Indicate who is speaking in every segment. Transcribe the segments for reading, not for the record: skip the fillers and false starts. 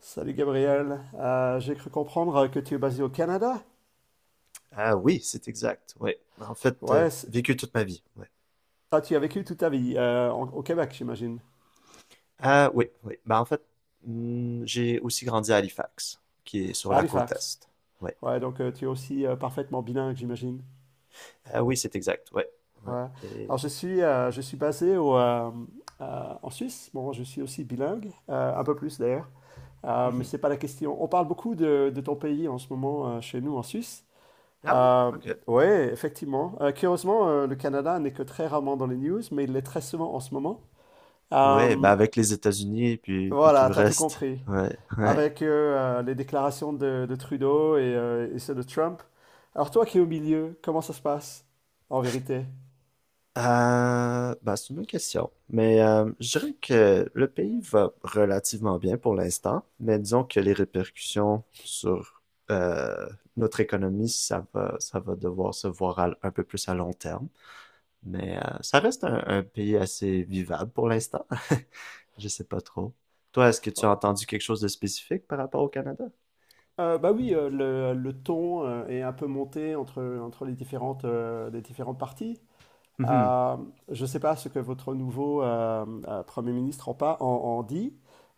Speaker 1: Salut Gabriel. J'ai cru comprendre que tu es basé au Canada.
Speaker 2: Ah oui, c'est exact. Oui. En fait,
Speaker 1: Ouais, c'est-
Speaker 2: vécu toute ma vie. Ouais.
Speaker 1: Tu as vécu toute ta vie au Québec, j'imagine,
Speaker 2: Ah oui, oui. Ben, en fait, hmm, j'ai aussi grandi à Halifax, qui est sur
Speaker 1: à
Speaker 2: la côte
Speaker 1: Halifax.
Speaker 2: est. Ouais.
Speaker 1: Ouais, donc tu es aussi parfaitement bilingue, j'imagine.
Speaker 2: Ah oui, c'est exact. Ouais. Ouais.
Speaker 1: Ouais.
Speaker 2: Et...
Speaker 1: Alors je suis basé en Suisse. Bon, je suis aussi bilingue, un peu plus d'ailleurs. Mais
Speaker 2: Mhm.
Speaker 1: c'est pas la question. On parle beaucoup de ton pays en ce moment chez nous en Suisse.
Speaker 2: Ah oui,
Speaker 1: Euh,
Speaker 2: ok.
Speaker 1: ouais, effectivement. Curieusement, le Canada n'est que très rarement dans les news, mais il l'est très souvent en ce moment.
Speaker 2: Ouais, ben
Speaker 1: Euh,
Speaker 2: avec les États-Unis puis tout
Speaker 1: Voilà,
Speaker 2: le
Speaker 1: t'as tout
Speaker 2: reste.
Speaker 1: compris.
Speaker 2: Ouais, ouais.
Speaker 1: Avec les déclarations de Trudeau et ceux de Trump. Alors toi qui es au milieu, comment ça se passe en vérité?
Speaker 2: Bah, c'est une bonne question. Mais je dirais que le pays va relativement bien pour l'instant, mais disons que les répercussions sur euh, notre économie, ça va devoir se voir à- un peu plus à long terme. Mais ça reste un pays assez vivable pour l'instant. Je sais pas trop. Toi, est-ce que tu as entendu quelque chose de spécifique par rapport au Canada?
Speaker 1: Bah oui, le ton est un peu monté entre les différentes parties.
Speaker 2: Mhm.
Speaker 1: Euh, je ne sais pas ce que votre nouveau Premier ministre en dit,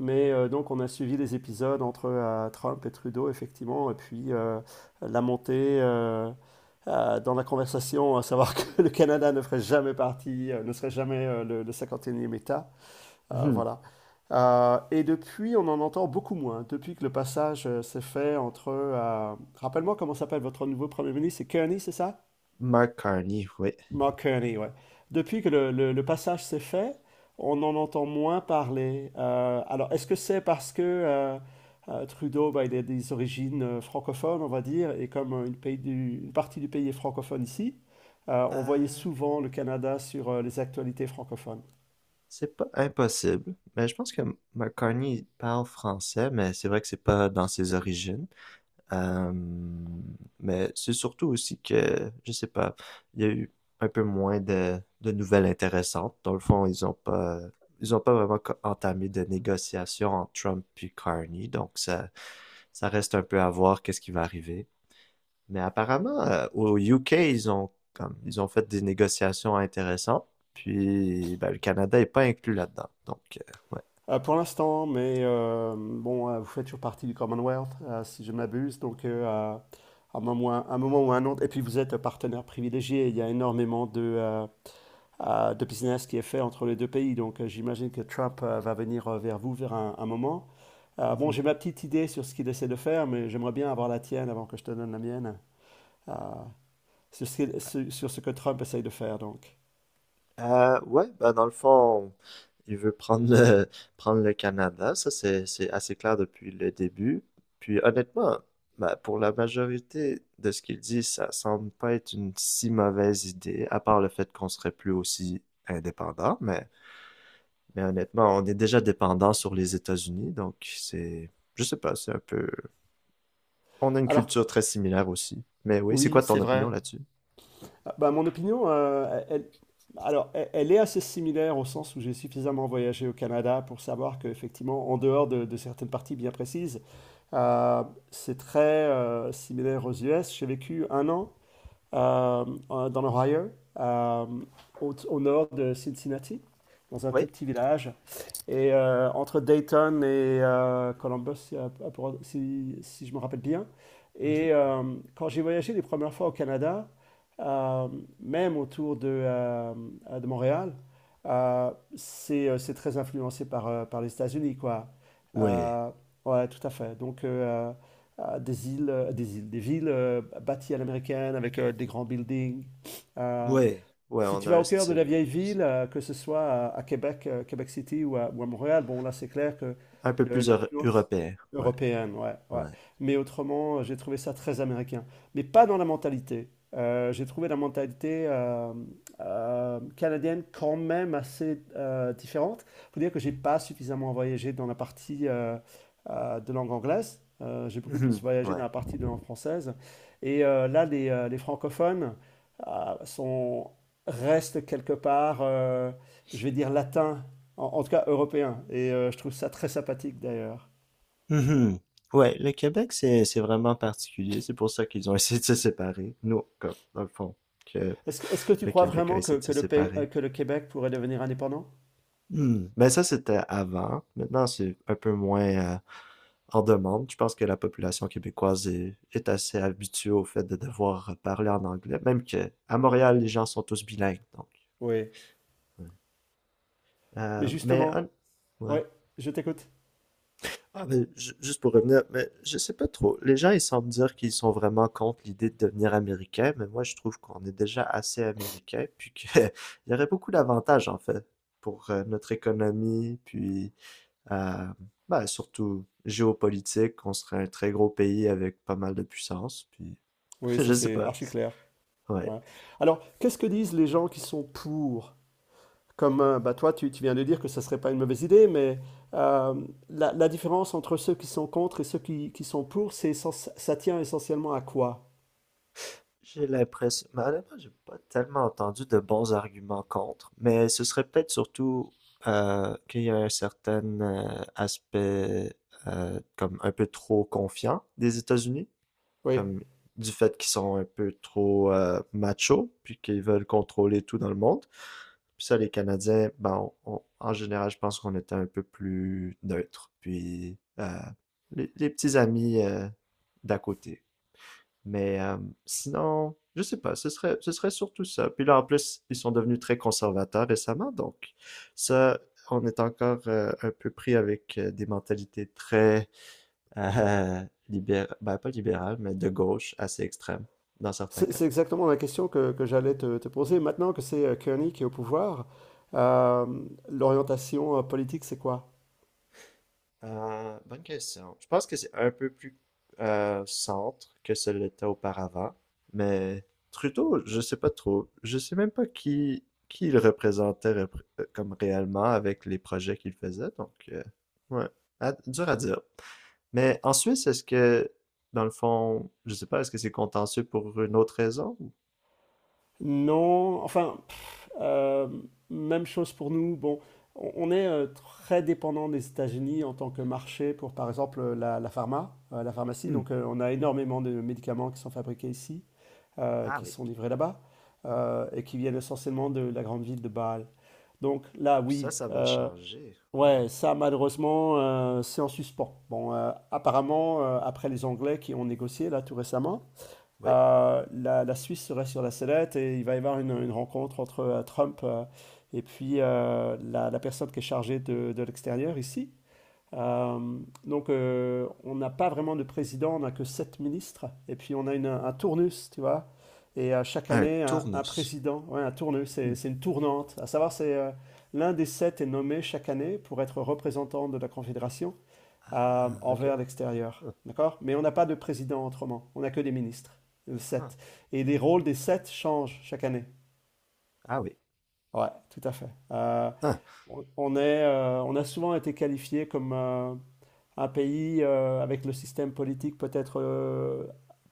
Speaker 1: mais donc on a suivi les épisodes entre Trump et Trudeau, effectivement, et puis la montée dans la conversation, à savoir que le Canada ne ferait jamais partie, ne serait jamais le 51e État.
Speaker 2: Mhm.
Speaker 1: Voilà. Et depuis, on en entend beaucoup moins. Depuis que le passage s'est fait entre rappelle-moi comment s'appelle votre nouveau Premier ministre, c'est Kearney, c'est ça?
Speaker 2: Mark Carney, oui.
Speaker 1: Mark Kearney, ouais. Depuis que le passage s'est fait, on en entend moins parler. Alors, est-ce que c'est parce que Trudeau, bah, il a des origines francophones, on va dire, et comme pays une partie du pays est francophone ici, on voyait
Speaker 2: Euh,
Speaker 1: souvent le Canada sur les actualités francophones.
Speaker 2: C'est pas impossible, mais je pense que McCartney parle français, mais c'est vrai que c'est pas dans ses origines. Euh, mais c'est surtout aussi que, je sais pas, il y a eu un peu moins de nouvelles intéressantes. Dans le fond, ils ont pas vraiment entamé de négociations entre Trump et Carney, donc ça reste un peu à voir qu'est-ce qui va arriver. Mais apparemment, au UK, ils ont comme ils ont fait des négociations intéressantes. Puis ben, le Canada est pas inclus là-dedans. Donc ouais.
Speaker 1: Pour l'instant, mais vous faites toujours partie du Commonwealth, si je ne m'abuse, donc à un moment, ou un moment ou un autre, et puis vous êtes un partenaire privilégié, il y a énormément de business qui est fait entre les deux pays. Donc j'imagine que Trump va venir vers vous vers un moment. Bon,
Speaker 2: Mhm.
Speaker 1: j'ai ma petite idée sur ce qu'il essaie de faire, mais j'aimerais bien avoir la tienne avant que je te donne la mienne, euh, sur sur ce que Trump essaye de faire, donc.
Speaker 2: Ouais, bah dans le fond, il veut prendre le, prendre le Canada, ça c'est assez clair depuis le début. Puis honnêtement, bah, pour la majorité de ce qu'il dit, ça semble pas être une si mauvaise idée, à part le fait qu'on serait plus aussi indépendant, mais honnêtement, on est déjà dépendant sur les États-Unis, donc c'est je sais pas, c'est un peu on a une
Speaker 1: Alors,
Speaker 2: culture très similaire aussi. Mais oui, c'est
Speaker 1: oui,
Speaker 2: quoi ton
Speaker 1: c'est
Speaker 2: opinion
Speaker 1: vrai.
Speaker 2: là-dessus?
Speaker 1: Bah, mon opinion, alors, elle est assez similaire au sens où j'ai suffisamment voyagé au Canada pour savoir qu'effectivement, en dehors de certaines parties bien précises, euh, c'est très similaire aux US. J'ai vécu un an euh, dans l'Ohio, euh, au nord de Cincinnati, dans un tout
Speaker 2: Oui.
Speaker 1: petit village. Et entre Dayton et Columbus, si je me rappelle bien.
Speaker 2: Mhm.
Speaker 1: Et quand j'ai voyagé les premières fois au Canada, euh, même autour de Montréal, euh, c'est très influencé par, par les États-Unis, quoi.
Speaker 2: Ouais.
Speaker 1: Euh, ouais, tout à fait. Donc, des îles, des villes bâties à l'américaine avec des grands buildings. Euh,
Speaker 2: Ouais. Ouais,
Speaker 1: si
Speaker 2: on
Speaker 1: tu
Speaker 2: a
Speaker 1: vas
Speaker 2: un
Speaker 1: au cœur de la
Speaker 2: style
Speaker 1: vieille ville, que ce soit à Québec, Québec City ou ou à Montréal, bon là c'est clair que
Speaker 2: un peu plus
Speaker 1: l'influence
Speaker 2: européen. Ouais.
Speaker 1: européenne, ouais, ouais.
Speaker 2: Ouais.
Speaker 1: Mais autrement, j'ai trouvé ça très américain. Mais pas dans la mentalité. J'ai trouvé la mentalité canadienne quand même assez différente. Faut dire que j'ai pas suffisamment voyagé dans la partie de langue anglaise. J'ai beaucoup plus
Speaker 2: Mhm.
Speaker 1: voyagé
Speaker 2: Ouais.
Speaker 1: dans la partie de langue française. Et là, les francophones sont reste quelque part, je vais dire, latin, en tout cas européen. Et je trouve ça très sympathique d'ailleurs.
Speaker 2: Mhm. Ouais, le Québec, c'est vraiment particulier. C'est pour ça qu'ils ont essayé de se séparer. Nous, comme, dans le fond, que
Speaker 1: Est-ce que tu
Speaker 2: le
Speaker 1: crois
Speaker 2: Québec a
Speaker 1: vraiment
Speaker 2: essayé de
Speaker 1: que
Speaker 2: se séparer.
Speaker 1: que le Québec pourrait devenir indépendant?
Speaker 2: Mmh, mais ça, c'était avant. Maintenant, c'est un peu moins, en demande. Je pense que la population québécoise est assez habituée au fait de devoir parler en anglais, même que à Montréal, les gens sont tous bilingues, donc
Speaker 1: Oui.
Speaker 2: ouais.
Speaker 1: Mais
Speaker 2: Mais
Speaker 1: justement,
Speaker 2: hon
Speaker 1: oui,
Speaker 2: ouais.
Speaker 1: je t'écoute.
Speaker 2: Ah, mais ju juste pour revenir, mais je sais pas trop. Les gens, ils semblent dire qu'ils sont vraiment contre l'idée de devenir américain, mais moi, je trouve qu'on est déjà assez américain, puis qu'il y aurait beaucoup d'avantages, en fait, pour, notre économie, puis euh, ben, surtout géopolitique, on serait un très gros pays avec pas mal de puissance, puis
Speaker 1: Oui,
Speaker 2: je
Speaker 1: ça
Speaker 2: sais
Speaker 1: c'est
Speaker 2: pas.
Speaker 1: archi clair.
Speaker 2: Ouais,
Speaker 1: Ouais. Alors, qu'est-ce que disent les gens qui sont pour? Comme bah, tu viens de dire que ça serait pas une mauvaise idée, mais euh, la différence entre ceux qui sont contre et ceux qui sont pour, c'est ça tient essentiellement à quoi?
Speaker 2: j'ai l'impression, mais honnêtement, j'ai pas tellement entendu de bons arguments contre, mais ce serait peut-être surtout qu'il y a un certain aspect comme un peu trop confiant des États-Unis,
Speaker 1: Oui.
Speaker 2: comme du fait qu'ils sont un peu trop machos, puis qu'ils veulent contrôler tout dans le monde. Puis ça, les Canadiens, ben, en général, je pense qu'on était un peu plus neutre. Puis les petits amis d'à côté. Mais sinon, je sais pas, ce serait surtout ça. Puis là, en plus, ils sont devenus très conservateurs récemment, donc ça, on est encore un peu pris avec des mentalités très euh, libérales, ben pas libérales, mais de gauche, assez extrêmes, dans certains cas.
Speaker 1: C'est exactement la question que j'allais te poser. Maintenant que c'est Kearney qui est au pouvoir, euh, l'orientation politique, c'est quoi?
Speaker 2: Bonne question. Je pense que c'est un peu plus centre que ce l'était auparavant, mais Trudeau, je sais pas trop. Je sais même pas qui il comme réellement avec les projets qu'il faisait, donc ouais, À- dur à dire. Mais en Suisse, est-ce que, dans le fond, je sais pas, est-ce que c'est contentieux pour une autre raison ou-
Speaker 1: Non, enfin, pff, euh, même chose pour nous. Bon, on est très dépendant des États-Unis en tant que marché pour, par exemple, la pharma, la pharmacie.
Speaker 2: Hmm.
Speaker 1: Donc, on a énormément de médicaments qui sont fabriqués ici,
Speaker 2: Ah
Speaker 1: qui
Speaker 2: oui,
Speaker 1: sont livrés là-bas, et qui viennent essentiellement de la grande ville de Bâle. Donc là,
Speaker 2: puis ça,
Speaker 1: oui.
Speaker 2: ça va changer,
Speaker 1: Ouais,
Speaker 2: ouais.
Speaker 1: ça malheureusement, c'est en suspens. Bon, apparemment, après les Anglais qui ont négocié là tout récemment,
Speaker 2: Oui.
Speaker 1: la Suisse serait sur la sellette et il va y avoir une rencontre entre Trump et puis la personne qui est chargée de l'extérieur ici. Euh, donc, on n'a pas vraiment de président, on n'a que sept ministres. Et puis, on a un tournus, tu vois. Et chaque
Speaker 2: Un
Speaker 1: année, un
Speaker 2: tournus.
Speaker 1: président, ouais, un tournus,
Speaker 2: Hmm.
Speaker 1: c'est une tournante. À savoir, c'est l'un des sept est nommé chaque année pour être représentant de la Confédération
Speaker 2: Ah, ok.
Speaker 1: envers l'extérieur.
Speaker 2: Ah,
Speaker 1: D'accord? Mais on n'a pas de président autrement, on n'a que des ministres,
Speaker 2: ah.
Speaker 1: sept. Et les rôles des sept changent chaque année.
Speaker 2: Ah oui.
Speaker 1: Ouais, tout à fait.
Speaker 2: Ah,
Speaker 1: On est, on a souvent été qualifié comme un pays avec le système politique peut-être euh,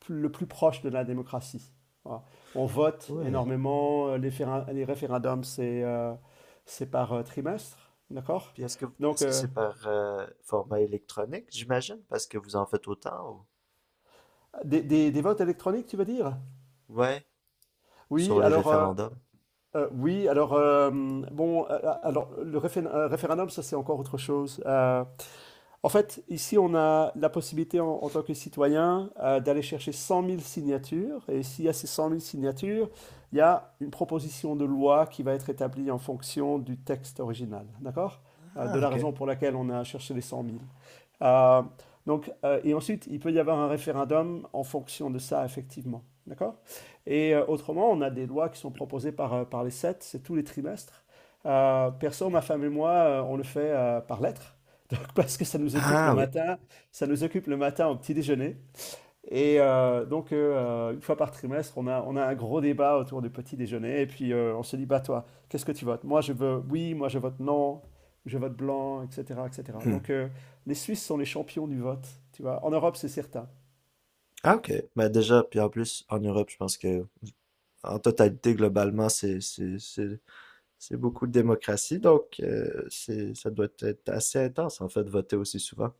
Speaker 1: plus- le plus proche de la démocratie. Voilà. On vote
Speaker 2: ouais.
Speaker 1: énormément, les référendums, c'est par trimestre, d'accord?
Speaker 2: Puis est-ce que
Speaker 1: Donc,
Speaker 2: est-ce que c'est par format électronique, j'imagine, parce que vous en faites autant
Speaker 1: des votes électroniques, tu veux dire?
Speaker 2: ou... Ouais,
Speaker 1: Oui,
Speaker 2: sur les
Speaker 1: alors, euh,
Speaker 2: référendums.
Speaker 1: oui, alors, bon, alors, le réfé- référendum, ça c'est encore autre chose. En fait, ici, on a la possibilité en tant que citoyen d'aller chercher 100 000 signatures. Et s'il y a ces 100 000 signatures, il y a une proposition de loi qui va être établie en fonction du texte original. D'accord? De
Speaker 2: Ah,
Speaker 1: la
Speaker 2: ok.
Speaker 1: raison pour laquelle on a cherché les 100 000. Euh, donc, et ensuite, il peut y avoir un référendum en fonction de ça, effectivement. D'accord. Et autrement, on a des lois qui sont proposées par, par les sept, c'est tous les trimestres. Perso, ma femme et moi, on le fait par lettre. Donc, parce que ça nous occupe
Speaker 2: Ah oui.
Speaker 1: ça nous occupe le matin au petit déjeuner. Et une fois par trimestre, on a un gros débat autour du petit déjeuner. Et puis, on se dit, bah toi, qu'est-ce que tu votes? Moi, je veux oui, moi, je vote non, je vote blanc, etc., etc.
Speaker 2: Hmm.
Speaker 1: Donc, les Suisses sont les champions du vote, tu vois. En Europe, c'est certain.
Speaker 2: Ah, ok. Mais déjà, puis en plus, en Europe, je pense que en totalité, globalement, c'est beaucoup de démocratie, donc c'est ça doit être assez intense en fait de voter aussi souvent.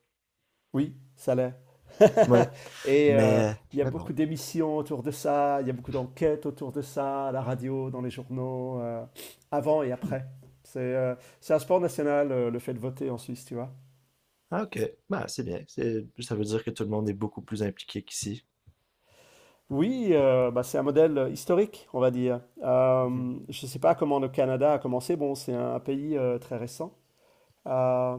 Speaker 1: Oui, ça l'est.
Speaker 2: Ouais.
Speaker 1: Et il y a
Speaker 2: Mais bon.
Speaker 1: beaucoup d'émissions autour de ça, il y a beaucoup d'enquêtes autour de ça, à la radio, dans les journaux, avant et
Speaker 2: Hmm.
Speaker 1: après. C'est un sport national, le fait de voter en Suisse, tu vois.
Speaker 2: Ah, ok. Bah c'est bien. C'est ça veut dire que tout le monde est beaucoup plus impliqué qu'ici.
Speaker 1: Oui, c'est un modèle historique, on va dire.
Speaker 2: Mhm.
Speaker 1: Je ne sais pas comment le Canada a commencé. Bon, c'est pays très récent. Euh,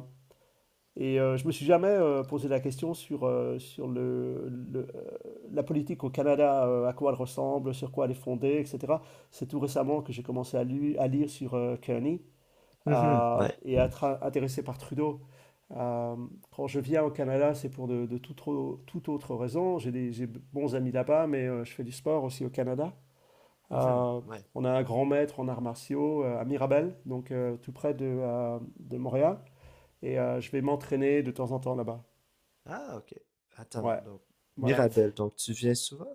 Speaker 1: je me suis jamais posé la question sur la politique au Canada, à quoi elle ressemble, sur quoi elle est fondée, etc. C'est tout récemment que j'ai commencé à lire sur Kearney
Speaker 2: Mhm. Ouais.
Speaker 1: et à être intéressé par Trudeau. Euh, quand je viens au Canada, c'est pour toute autre raison. J'ai de bons amis là-bas, mais je fais du sport aussi au Canada.
Speaker 2: Mhm.
Speaker 1: Euh,
Speaker 2: Ouais.
Speaker 1: on a un grand maître en arts martiaux à Mirabel, donc tout près de Montréal. Et je vais m'entraîner de temps en temps là-bas.
Speaker 2: Ah, ok. Attends,
Speaker 1: Ouais,
Speaker 2: donc,
Speaker 1: voilà.
Speaker 2: Mirabel, donc tu viens souvent?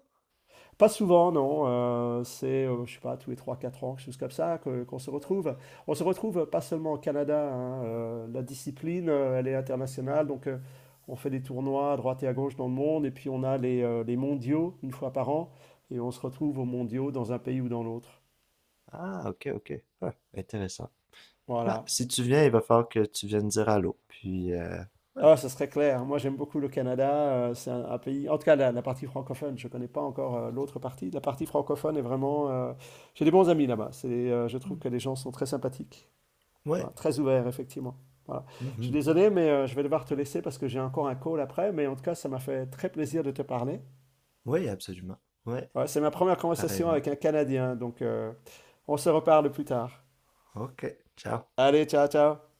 Speaker 1: Pas souvent, non. C'est, je sais pas, tous les trois, quatre ans, quelque chose comme ça, qu'on se retrouve. On se retrouve pas seulement au Canada, hein. La discipline, elle est internationale. Donc, on fait des tournois à droite et à gauche dans le monde. Et puis, on a les mondiaux une fois par an. Et on se retrouve aux mondiaux dans un pays ou dans l'autre.
Speaker 2: Ah, ok, ok. Ouais, intéressant.
Speaker 1: Voilà.
Speaker 2: Bah, si tu viens, il va falloir que tu viennes dire allô. Puis, ouais.
Speaker 1: Ah, ça serait clair. Moi, j'aime beaucoup le Canada. C'est un pays, en tout cas, la partie francophone. Je ne connais pas encore l'autre partie. La partie francophone est vraiment. J'ai des bons amis là-bas. Je trouve
Speaker 2: Hmm.
Speaker 1: que les gens sont très sympathiques.
Speaker 2: Ouais.
Speaker 1: Voilà, très ouvert, effectivement. Voilà. Je suis
Speaker 2: Mhm.
Speaker 1: désolé, mais je vais devoir te laisser parce que j'ai encore un call après. Mais en tout cas, ça m'a fait très plaisir de te parler.
Speaker 2: Oui, absolument. Ouais,
Speaker 1: Ouais, c'est ma première conversation
Speaker 2: pareillement.
Speaker 1: avec un Canadien, donc on se reparle plus tard.
Speaker 2: Ok, ciao.
Speaker 1: Allez, ciao, ciao.